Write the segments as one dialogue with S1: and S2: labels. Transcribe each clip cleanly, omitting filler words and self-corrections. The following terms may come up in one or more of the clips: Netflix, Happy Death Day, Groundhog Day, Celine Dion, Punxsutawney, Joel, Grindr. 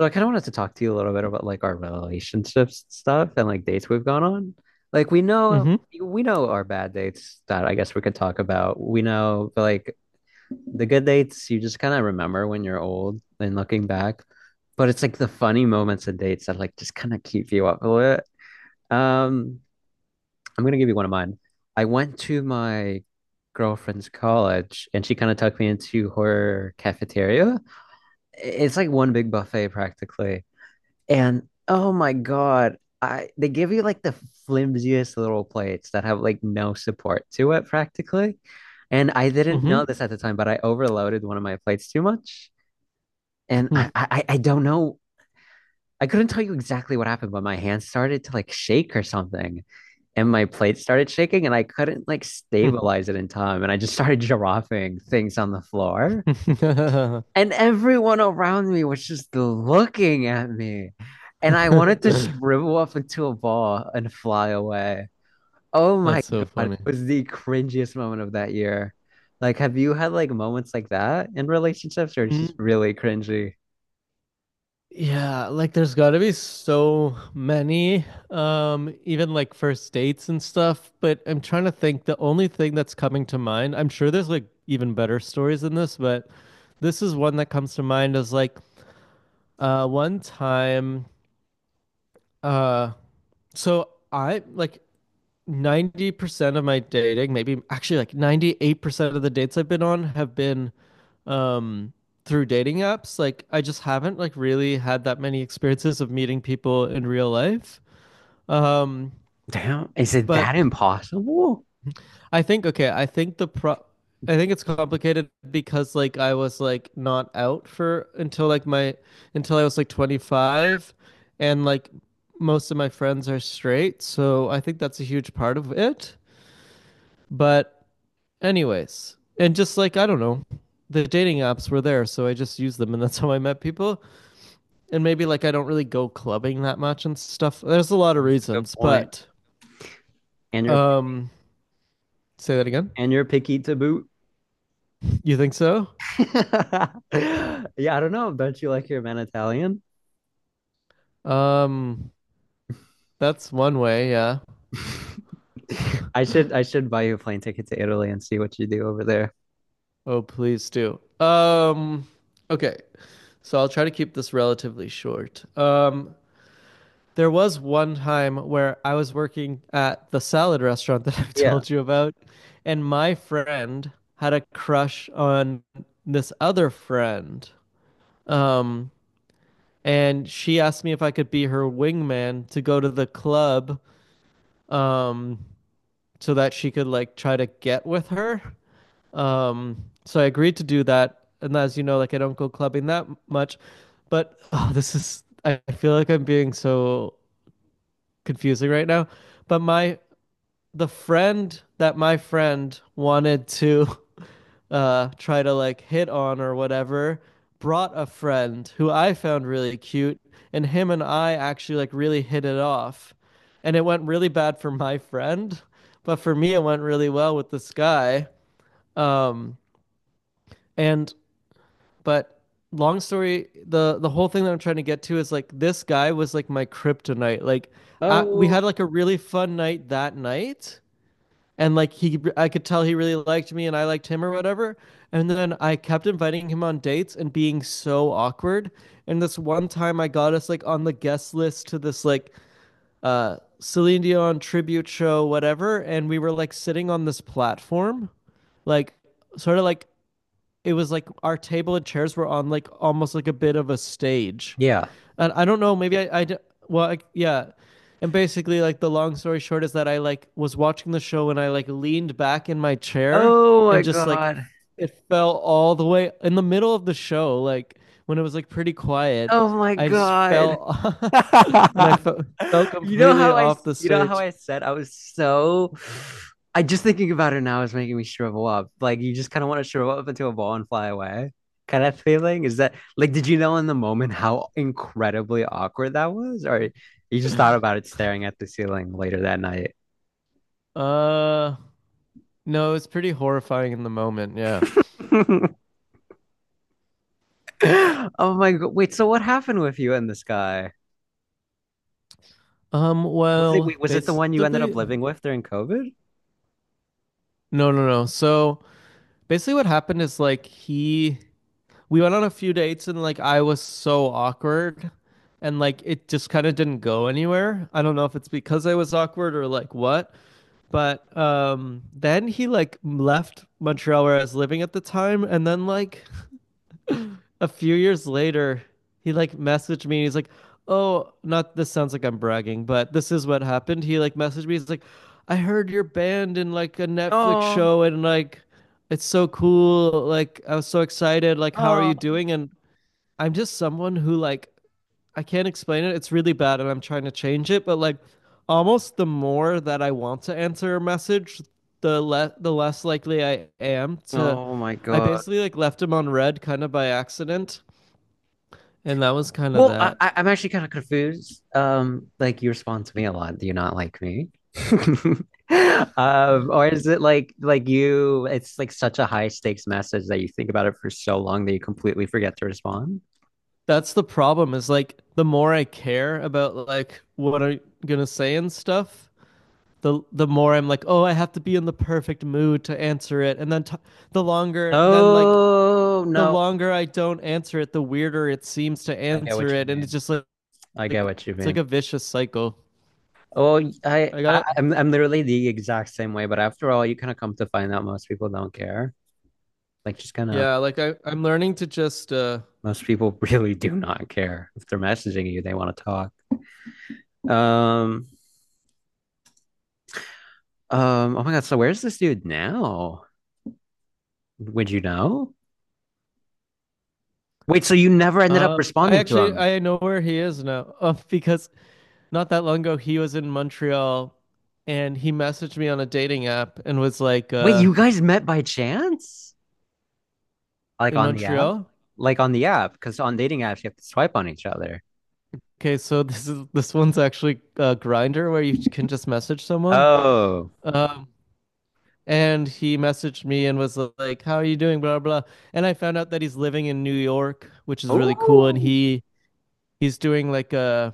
S1: So I kind of wanted to talk to you a little bit about like our relationships stuff and like dates we've gone on. Like we know
S2: Mm-hmm.
S1: we know our bad dates that I guess we could talk about. We know but like the good dates you just kind of remember when you're old and looking back. But it's like the funny moments of dates that like just kind of keep you up a little bit. Um, I'm gonna give you one of mine. I went to my girlfriend's college and she kind of took me into her cafeteria. It's like one big buffet practically and oh my God, I they give you like the flimsiest little plates that have like no support to it practically. And I didn't know this at the time, but I overloaded one of my plates too much. And I don't know. I couldn't tell you exactly what happened, but my hand started to like shake or something. And my plate started shaking and I couldn't like
S2: Mm-hmm.
S1: stabilize it in time. And I just started giraffing things on the floor and everyone around me was just looking at me. And I wanted to shrivel up into a ball and fly away. Oh my
S2: That's so
S1: God, it
S2: funny.
S1: was the cringiest moment of that year. Like, have you had like moments like that in relationships or it's just
S2: Mm,
S1: really cringy?
S2: yeah, like there's got to be so many, even like first dates and stuff. But I'm trying to think. The only thing that's coming to mind, I'm sure there's like even better stories than this, but this is one that comes to mind is like one time, uh, so I like 90% of my dating, maybe actually like 98% of the dates I've been on have been um through dating apps. Like I just haven't like really had that many experiences of meeting people in real life. Um
S1: Damn, is it
S2: but
S1: that impossible?
S2: I think, okay, I think it's complicated because like I was like not out for until like my until I was like 25, and like most of my friends are straight, so I think that's a huge part of it. But anyways, and just like I don't know, the dating apps were there, so I just used them, and that's how I met people. And maybe like I don't really go clubbing that much and stuff. There's a lot of
S1: That's a good
S2: reasons,
S1: point.
S2: but
S1: And you're
S2: um, say that again.
S1: and you're picky to boot.
S2: You think so?
S1: Yeah, I don't know. Don't you like your man Italian?
S2: Um, that's one way. Yeah.
S1: I should buy you a plane ticket to Italy and see what you do over there.
S2: Oh, please do. Okay. So I'll try to keep this relatively short. There was one time where I was working at the salad restaurant that I have
S1: Yeah.
S2: told you about, and my friend had a crush on this other friend. Um, and she asked me if I could be her wingman to go to the club, um, so that she could like try to get with her. So I agreed to do that. And as you know, like I don't go clubbing that much, but oh, this is, I feel like I'm being so confusing right now. But my the friend that my friend wanted to try to like hit on or whatever brought a friend who I found really cute, and him and I actually like really hit it off, and it went really bad for my friend, but for me it went really well with this guy. Um and but long story, the whole thing that I'm trying to get to is like this guy was like my kryptonite, like we
S1: Oh,
S2: had like a really fun night that night, and like he, I could tell he really liked me, and I liked him or whatever. And then I kept inviting him on dates and being so awkward. And this one time I got us like on the guest list to this like Celine Dion tribute show, whatever, and we were like sitting on this platform, like sort of like, it was like our table and chairs were on like almost like a bit of a stage.
S1: yeah.
S2: And I don't know, maybe I, well, I, yeah. And basically, like the long story short is that I like was watching the show and I like leaned back in my chair,
S1: Oh my
S2: and just like
S1: God.
S2: it fell all the way in the middle of the show, like when it was like pretty quiet.
S1: Oh my
S2: I just
S1: God.
S2: fell and fell
S1: You know
S2: completely
S1: how I.
S2: off the
S1: you know how
S2: stage.
S1: I said I was so I just thinking about it now is making me shrivel up. Like you just kind of want to shrivel up into a ball and fly away. Kind of feeling is that like did you know in the moment how incredibly awkward that was? Or you just thought about it staring at the ceiling later that night?
S2: Uh, no, it's pretty horrifying in the moment. Yeah.
S1: Oh my God. Wait, so what happened with you and this guy? Was it
S2: Well,
S1: wait, was it the one you ended up
S2: basically,
S1: living with during COVID?
S2: no, no, no. So basically, what happened is like we went on a few dates, and like I was so awkward, and like it just kind of didn't go anywhere. I don't know if it's because I was awkward or like what, but then he like left Montreal where I was living at the time, and then like a few years later, he like messaged me and he's like, oh, not, this sounds like I'm bragging, but this is what happened. He like messaged me, he's like, I heard your band in like a Netflix
S1: Oh,
S2: show, and like it's so cool. Like I was so excited. Like, how are
S1: oh.
S2: you doing? And I'm just someone who, like, I can't explain it. It's really bad and I'm trying to change it, but like almost the more that I want to answer a message, the less likely I am to.
S1: Oh my
S2: I
S1: God.
S2: basically like left him on red kind of by accident, and that was kind of
S1: Well, I,
S2: that.
S1: I- I'm actually kind of confused. Like you respond to me a lot. Do you not like me? Or is it like you, it's like such a high stakes message that you think about it for so long that you completely forget to respond?
S2: That's the problem, is like the more I care about like what I'm gonna say and stuff, the more I'm like, oh, I have to be in the perfect mood to answer it, and then the longer then like
S1: Oh
S2: the
S1: no,
S2: longer I don't answer it, the weirder it seems to
S1: I get
S2: answer
S1: what you
S2: it, and it's
S1: mean.
S2: just
S1: I get
S2: like
S1: what you
S2: it's like
S1: mean.
S2: a vicious cycle.
S1: Oh, I,
S2: I got
S1: I
S2: it.
S1: I'm I'm literally the exact same way, but after all, you kind of come to find out most people don't care. Like just kind of
S2: Yeah, like I'm learning to just
S1: most people really do not care if they're messaging you, they want to talk. Um, oh my God, so where's this dude now? Would you know? Wait, so you never ended up
S2: I
S1: responding to
S2: actually,
S1: him?
S2: I know where he is now. Because not that long ago, he was in Montreal and he messaged me on a dating app and was like
S1: Wait, you guys met by chance? Like
S2: in
S1: on the app?
S2: Montreal.
S1: Like on the app, because on dating apps you have to swipe on each other.
S2: Okay, so this one's actually a grinder where you can just message someone.
S1: Oh.
S2: um and he messaged me and was like, how are you doing, blah blah, and I found out that he's living in New York, which is really cool, and
S1: Ooh.
S2: he's doing like a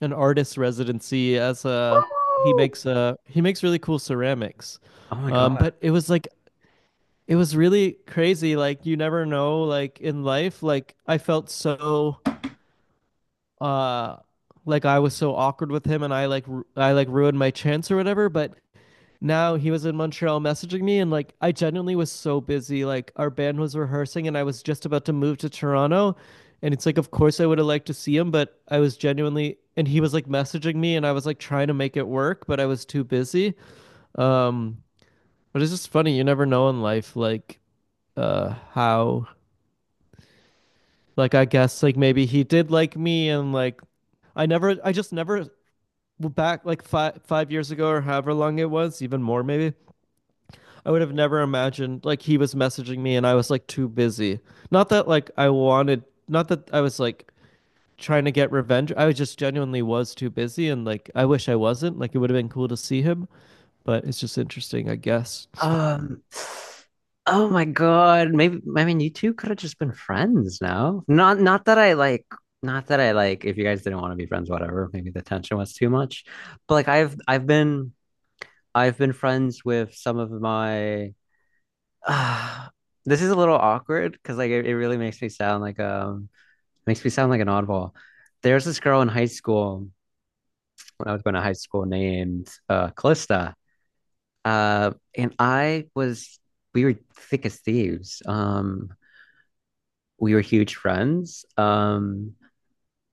S2: an artist residency as a
S1: Ooh.
S2: he makes really cool ceramics.
S1: Oh my God.
S2: But it was like, it was really crazy. Like you never know, like in life, like I felt so uh like I was so awkward with him, and I like ruined my chance or whatever, but now he was in Montreal messaging me, and like I genuinely was so busy. Like our band was rehearsing, and I was just about to move to Toronto, and it's like, of course I would have liked to see him, but I was genuinely, and he was like messaging me, and I was like trying to make it work, but I was too busy. Um but it's just funny, you never know in life like how. Like I guess like maybe he did like me, and like I just never, well, back like five years ago, or however long it was, even more maybe. I would have never imagined like he was messaging me, and I was like too busy. Not that like I wanted, not that I was like trying to get revenge. I just genuinely was too busy and like I wish I wasn't. Like it would have been cool to see him, but it's just interesting, I guess.
S1: Um, oh my God. Maybe I mean you two could have just been friends now. Not not that I like not that I like if you guys didn't want to be friends, whatever. Maybe the tension was too much. But like I've been friends with some of my this is a little awkward because like it really makes me sound like makes me sound like an oddball. There's this girl in high school when I was going to high school named Calista. And I was, we were thick as thieves. We were huge friends.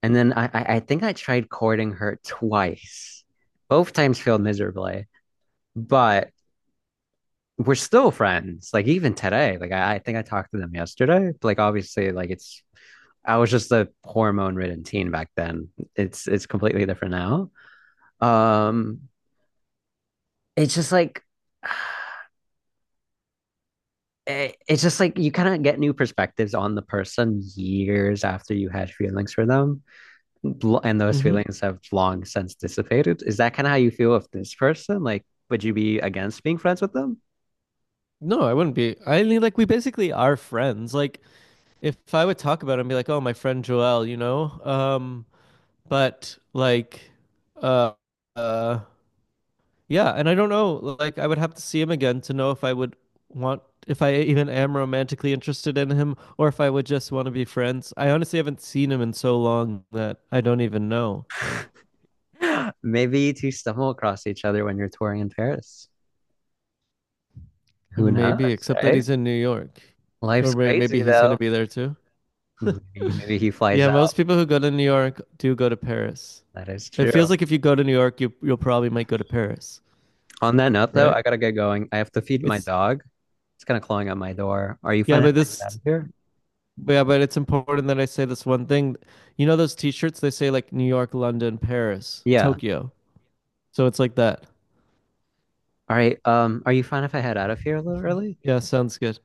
S1: And then I think I tried courting her twice. Both times failed miserably, but we're still friends. Like even today, like I think I talked to them yesterday. Like obviously, like it's I was just a hormone-ridden teen back then. It's completely different now. Um, it's just like eh, it's just like you kind of get new perspectives on the person years after you had feelings for them, and those
S2: hmm
S1: feelings have long since dissipated. Is that kind of how you feel with this person? Like, would you be against being friends with them?
S2: No, I wouldn't be. I mean, like we basically are friends. Like, if I would talk about it and be like, oh, my friend Joel, but like, uh, uh, yeah. And I don't know, like, I would have to see him again to know if I would want, if I even am romantically interested in him, or if I would just want to be friends. I honestly haven't seen him in so long that I don't even know.
S1: Maybe to stumble across each other when you're touring in Paris. Who
S2: Maybe,
S1: knows,
S2: except that
S1: right?
S2: he's in New York, or
S1: Life's
S2: maybe
S1: crazy
S2: he's gonna
S1: though.
S2: be there too.
S1: Maybe, maybe he flies
S2: Yeah,
S1: out.
S2: most people who go to New York do go to Paris.
S1: That is
S2: It feels
S1: true.
S2: like if you go to New York, you'll probably might go to Paris,
S1: On that note, though,
S2: right?
S1: I gotta get going. I have to feed my
S2: It's
S1: dog. It's kind of clawing at my door. Are you
S2: Yeah,
S1: fine if
S2: but
S1: I get out
S2: this,
S1: of here?
S2: yeah, but it's important that I say this one thing. You know those T-shirts? They say like New York, London, Paris,
S1: Yeah.
S2: Tokyo. So it's like that.
S1: All right. Are you fine if I head out of here a little early?
S2: Yeah, sounds good.